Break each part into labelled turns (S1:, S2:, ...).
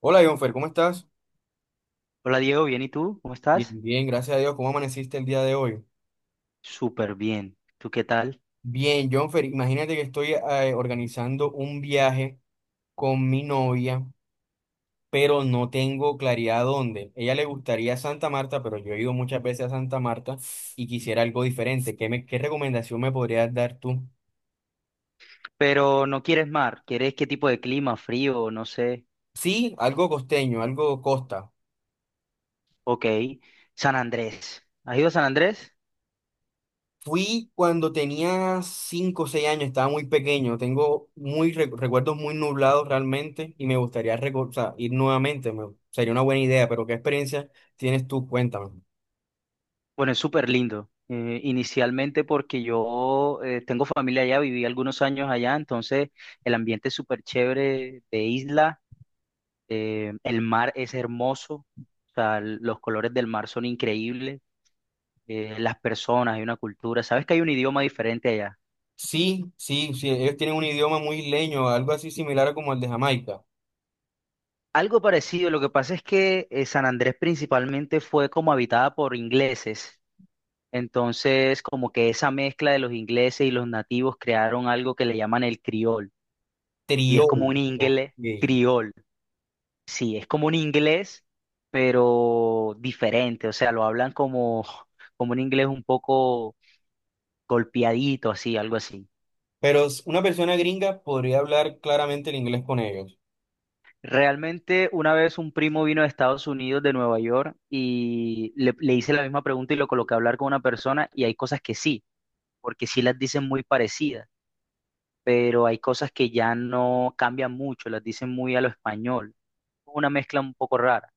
S1: Hola, Jonfer, ¿cómo estás?
S2: Hola Diego, bien, ¿y tú? ¿Cómo
S1: Bien,
S2: estás?
S1: bien, gracias a Dios. ¿Cómo amaneciste el día de hoy?
S2: Súper bien. ¿Tú qué tal?
S1: Bien, Jonfer, imagínate que estoy organizando un viaje con mi novia, pero no tengo claridad dónde. Ella le gustaría Santa Marta, pero yo he ido muchas veces a Santa Marta y quisiera algo diferente. ¿ qué recomendación me podrías dar tú?
S2: Pero no quieres mar, ¿quieres qué tipo de clima? Frío, no sé.
S1: Sí, algo costeño, algo costa.
S2: Ok. San Andrés. ¿Has ido a San Andrés?
S1: Fui cuando tenía 5 o 6 años, estaba muy pequeño, tengo muy recuerdos muy nublados realmente y me gustaría o sea, ir nuevamente, sería una buena idea, pero ¿qué experiencia tienes tú? Cuéntame.
S2: Bueno, es súper lindo. Inicialmente porque yo tengo familia allá, viví algunos años allá, entonces el ambiente es súper chévere de isla. El mar es hermoso. O sea, los colores del mar son increíbles. Las personas, hay una cultura. ¿Sabes que hay un idioma diferente allá?
S1: Sí, sí, sí, ellos tienen un idioma muy isleño, algo así similar a como el de Jamaica,
S2: Algo parecido, lo que pasa es que San Andrés principalmente fue como habitada por ingleses, entonces como que esa mezcla de los ingleses y los nativos crearon algo que le llaman el criol, y es
S1: triolo.
S2: como un inglés
S1: Ok.
S2: criol, sí, es como un inglés, pero diferente, o sea, lo hablan como un inglés un poco golpeadito, así, algo así.
S1: Pero una persona gringa podría hablar claramente el inglés con ellos.
S2: Realmente una vez un primo vino de Estados Unidos, de Nueva York, y le hice la misma pregunta y lo coloqué a hablar con una persona y hay cosas que sí, porque sí las dicen muy parecidas, pero hay cosas que ya no cambian mucho, las dicen muy a lo español. Una mezcla un poco rara.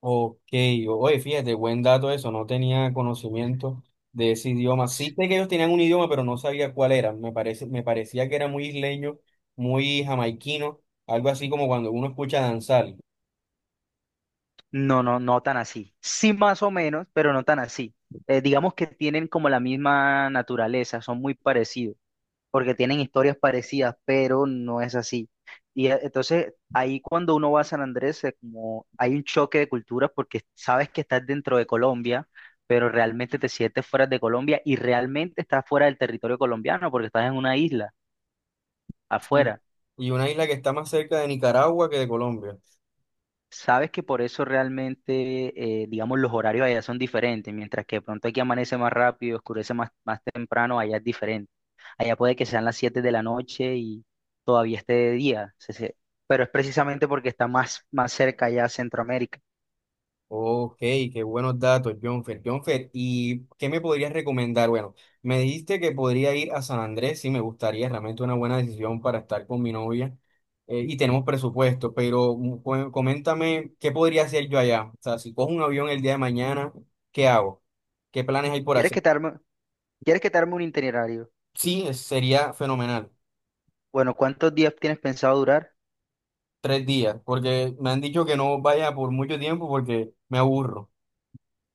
S1: Ok, oye, fíjate, buen dato eso, no tenía conocimiento de ese idioma. Sí sé que ellos tenían un idioma, pero no sabía cuál era. Me parecía que era muy isleño, muy jamaiquino, algo así como cuando uno escucha danzar.
S2: No, no, no tan así. Sí más o menos, pero no tan así. Digamos que tienen como la misma naturaleza, son muy parecidos. Porque tienen historias parecidas, pero no es así. Y entonces ahí cuando uno va a San Andrés, como hay un choque de culturas porque sabes que estás dentro de Colombia, pero realmente te sientes fuera de Colombia y realmente estás fuera del territorio colombiano porque estás en una isla
S1: Sí.
S2: afuera.
S1: Y una isla que está más cerca de Nicaragua que de Colombia.
S2: Sabes que por eso realmente, digamos, los horarios allá son diferentes, mientras que de pronto aquí amanece más rápido, oscurece más temprano, allá es diferente. Allá puede que sean las 7 de la noche y todavía esté de día. Pero es precisamente porque está más cerca allá a Centroamérica.
S1: Ok, qué buenos datos, Jonfer. Jonfer, ¿y qué me podrías recomendar? Bueno, me dijiste que podría ir a San Andrés, sí, me gustaría, realmente una buena decisión para estar con mi novia y tenemos presupuesto, pero coméntame qué podría hacer yo allá. O sea, si cojo un avión el día de mañana, ¿qué hago? ¿Qué planes hay por
S2: ¿Quieres
S1: hacer?
S2: que te arme, ¿Quieres que te arme un itinerario?
S1: Sí, sería fenomenal,
S2: Bueno, ¿cuántos días tienes pensado durar?
S1: 3 días, porque me han dicho que no vaya por mucho tiempo porque me aburro.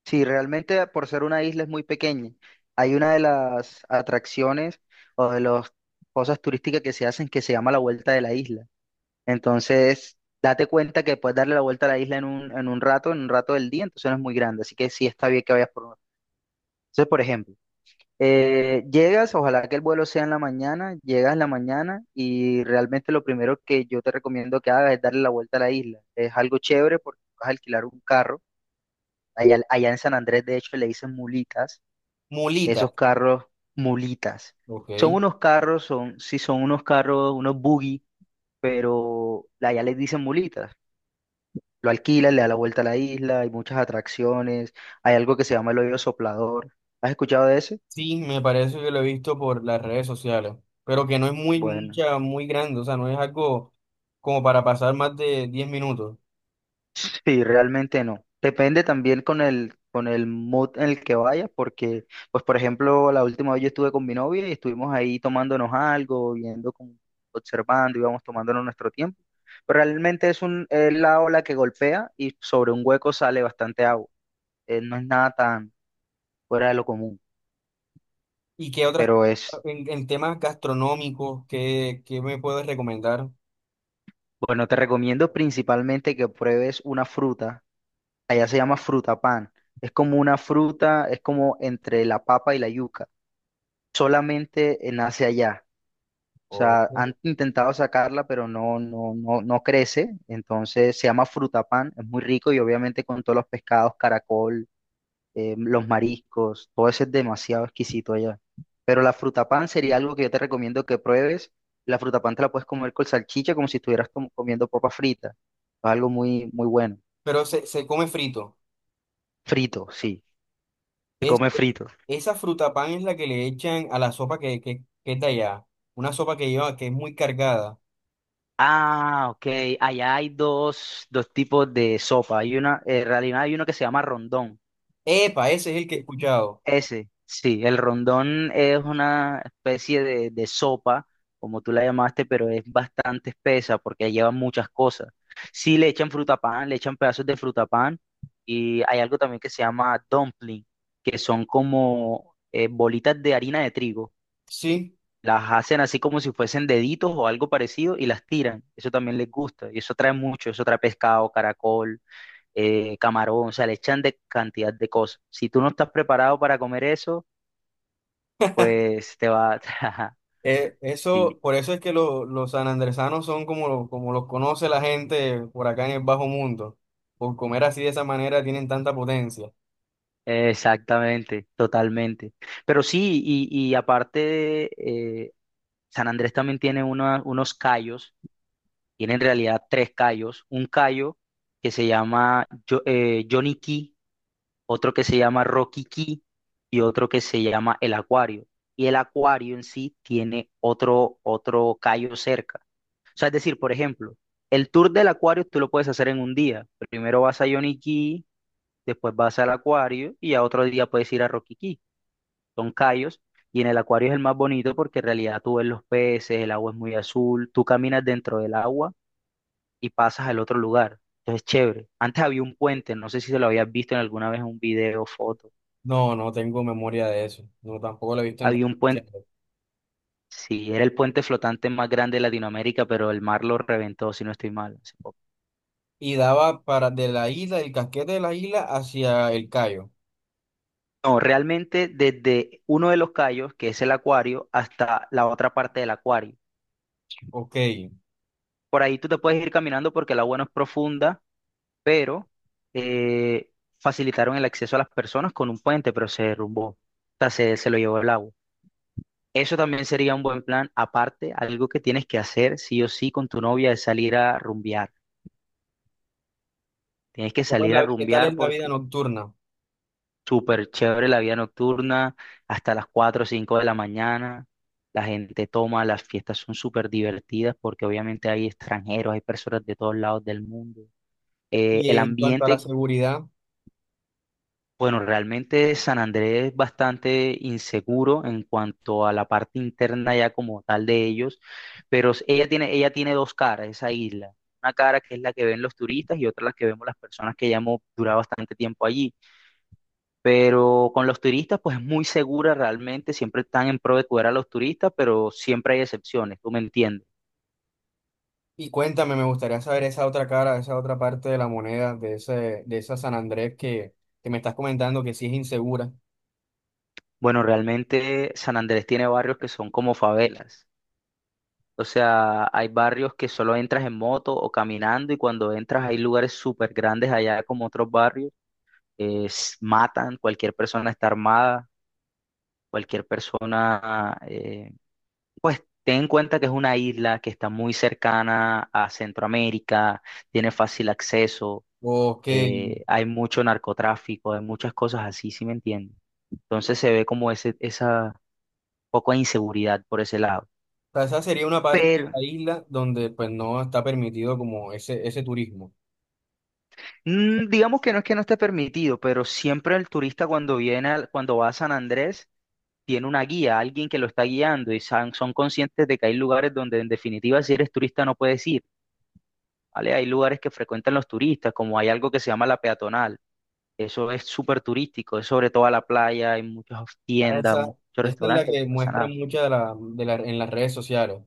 S2: Sí, realmente por ser una isla es muy pequeña. Hay una de las atracciones o de las cosas turísticas que se hacen que se llama la vuelta de la isla. Entonces, date cuenta que puedes darle la vuelta a la isla en un rato del día, entonces no es muy grande. Así que sí está bien que vayas por uno. Entonces, por ejemplo, llegas, ojalá que el vuelo sea en la mañana, llegas en la mañana y realmente lo primero que yo te recomiendo que hagas es darle la vuelta a la isla. Es algo chévere porque vas a alquilar un carro. Allá en San Andrés, de hecho, le dicen mulitas.
S1: Mulita,
S2: Esos carros, mulitas.
S1: ok.
S2: Son unos carros, son, sí, son unos carros, unos buggy, pero allá les dicen mulitas. Lo alquilas, le da la vuelta a la isla, hay muchas atracciones, hay algo que se llama el hoyo soplador. ¿Has escuchado de ese?
S1: Sí, me parece que lo he visto por las redes sociales, pero que no es muy
S2: Bueno.
S1: mucha, muy grande, o sea, no es algo como para pasar más de 10 minutos.
S2: Sí, realmente no. Depende también con el mood en el que vaya, porque, pues, por ejemplo, la última vez yo estuve con mi novia y estuvimos ahí tomándonos algo, viendo, como, observando, íbamos tomándonos nuestro tiempo. Pero realmente es la ola que golpea y sobre un hueco sale bastante agua. No es nada tan fuera de lo común,
S1: ¿Y qué otras,
S2: pero
S1: en temas gastronómicos, qué me puedes recomendar?
S2: bueno, te recomiendo principalmente que pruebes una fruta. Allá se llama fruta pan. Es como una fruta, es como entre la papa y la yuca. Solamente nace allá. O
S1: Oh.
S2: sea, han intentado sacarla, pero no, no, no, no crece. Entonces se llama frutapán, es muy rico y obviamente con todos los pescados, caracol, los mariscos, todo eso es demasiado exquisito allá. Pero la frutapán sería algo que yo te recomiendo que pruebes. La frutapán te la puedes comer con salchicha como si estuvieras comiendo papa frita. Es algo muy, muy bueno.
S1: Pero se come frito.
S2: Frito, sí. Se
S1: Es,
S2: come frito.
S1: esa fruta pan es la que le echan a la sopa que es de allá, una sopa que lleva, que es muy cargada.
S2: Ah, ok. Allá hay dos tipos de sopa. Hay en realidad hay uno que se llama rondón.
S1: Epa, ese es el que he escuchado.
S2: Ese, sí, el rondón es una especie de sopa, como tú la llamaste, pero es bastante espesa porque lleva muchas cosas. Sí, le echan frutapán, le echan pedazos de frutapán y hay algo también que se llama dumpling, que son como bolitas de harina de trigo
S1: Sí.
S2: las hacen así como si fuesen deditos o algo parecido y las tiran. Eso también les gusta. Y eso trae mucho. Eso trae pescado, caracol, camarón. O sea, le echan de cantidad de cosas. Si tú no estás preparado para comer eso, pues te va. Ajá,
S1: Eso,
S2: sí,
S1: por eso es que los sanandresanos son como, como los conoce la gente por acá en el bajo mundo. Por comer así de esa manera tienen tanta potencia.
S2: exactamente, totalmente. Pero sí, y aparte, eh, San Andrés también tiene unos callos. Tiene en realidad tres callos. Un callo que se llama Johnny Key, otro que se llama Roquiquí y otro que se llama El Acuario. Y el acuario en sí tiene otro callo cerca. O sea, es decir, por ejemplo, el tour del acuario tú lo puedes hacer en un día. Primero vas a Yoniquí, después vas al acuario y a otro día puedes ir a Roquiquí. Son callos. Y en el acuario es el más bonito porque en realidad tú ves los peces, el agua es muy azul, tú caminas dentro del agua y pasas al otro lugar. Entonces, chévere. Antes había un puente, no sé si se lo habías visto en alguna vez, en un video, foto.
S1: No, no tengo memoria de eso. No, tampoco lo he visto en
S2: Había
S1: redes
S2: un puente,
S1: sociales.
S2: sí, era el puente flotante más grande de Latinoamérica, pero el mar lo reventó, si no estoy mal, hace poco.
S1: Y daba para de la isla, el casquete de la isla hacia el Cayo.
S2: No, realmente desde uno de los cayos, que es el acuario, hasta la otra parte del acuario.
S1: Ok.
S2: Por ahí tú te puedes ir caminando porque el agua no es profunda, pero eh, facilitaron el acceso a las personas con un puente, pero se derrumbó. O sea, se lo llevó el agua. Eso también sería un buen plan. Aparte, algo que tienes que hacer sí o sí con tu novia es salir a rumbear. Tienes que
S1: ¿Cómo es
S2: salir a
S1: qué tal
S2: rumbear.
S1: es la vida nocturna?
S2: Súper chévere la vida nocturna, hasta las 4 o 5 de la mañana. La gente toma, las fiestas son súper divertidas porque obviamente hay extranjeros, hay personas de todos lados del mundo. Eh,
S1: Y
S2: el
S1: en cuanto a la
S2: ambiente,
S1: seguridad,
S2: bueno, realmente San Andrés es bastante inseguro en cuanto a la parte interna ya como tal de ellos, pero ella tiene dos caras, esa isla. Una cara que es la que ven los turistas y otra la que vemos las personas que ya hemos durado bastante tiempo allí. Pero con los turistas, pues es muy segura realmente, siempre están en pro de cuidar a los turistas, pero siempre hay excepciones, tú me entiendes.
S1: y cuéntame, me gustaría saber esa otra cara, esa otra parte de la moneda de ese, de esa San Andrés que me estás comentando que sí es insegura.
S2: Bueno, realmente San Andrés tiene barrios que son como favelas. O sea, hay barrios que solo entras en moto o caminando y cuando entras hay lugares súper grandes allá como otros barrios. Matan, cualquier persona está armada, cualquier persona, pues ten en cuenta que es una isla que está muy cercana a Centroamérica, tiene fácil acceso.
S1: Ok,
S2: eh,
S1: o
S2: hay mucho narcotráfico, hay muchas cosas así, ¿sí me entiendes? Entonces se ve como ese, esa poco de inseguridad por ese lado.
S1: sea, esa sería una parte de
S2: Pero
S1: la isla donde pues no está permitido como ese turismo.
S2: digamos que no es que no esté permitido, pero siempre el turista cuando viene, cuando va a San Andrés, tiene una guía, alguien que lo está guiando y son conscientes de que hay lugares donde en definitiva si eres turista no puedes ir, ¿vale? Hay lugares que frecuentan los turistas, como hay algo que se llama la peatonal. Eso es súper turístico, es sobre toda la playa, hay muchas
S1: Ah,
S2: tiendas, muchos
S1: esa, esta es la
S2: restaurantes y
S1: que
S2: no pasa
S1: muestran
S2: nada.
S1: muchas de la, en las redes sociales.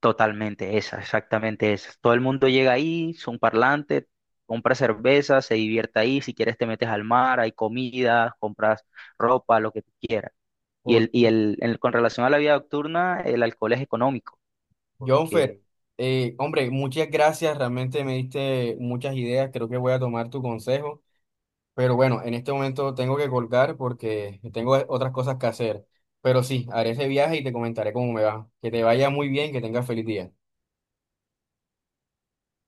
S2: Totalmente esa, exactamente esa. Todo el mundo llega ahí, son parlantes, compra cerveza, se divierte ahí, si quieres te metes al mar, hay comida, compras ropa, lo que tú quieras. Y,
S1: Por,
S2: el, y el, el- con relación a la vida nocturna, el alcohol es económico,
S1: Jonfer, hombre, muchas gracias, realmente me diste muchas ideas, creo que voy a tomar tu consejo, pero bueno, en este momento tengo que colgar porque tengo otras cosas que hacer, pero sí, haré ese viaje y te comentaré cómo me va. Que te vaya muy bien, que tengas feliz día.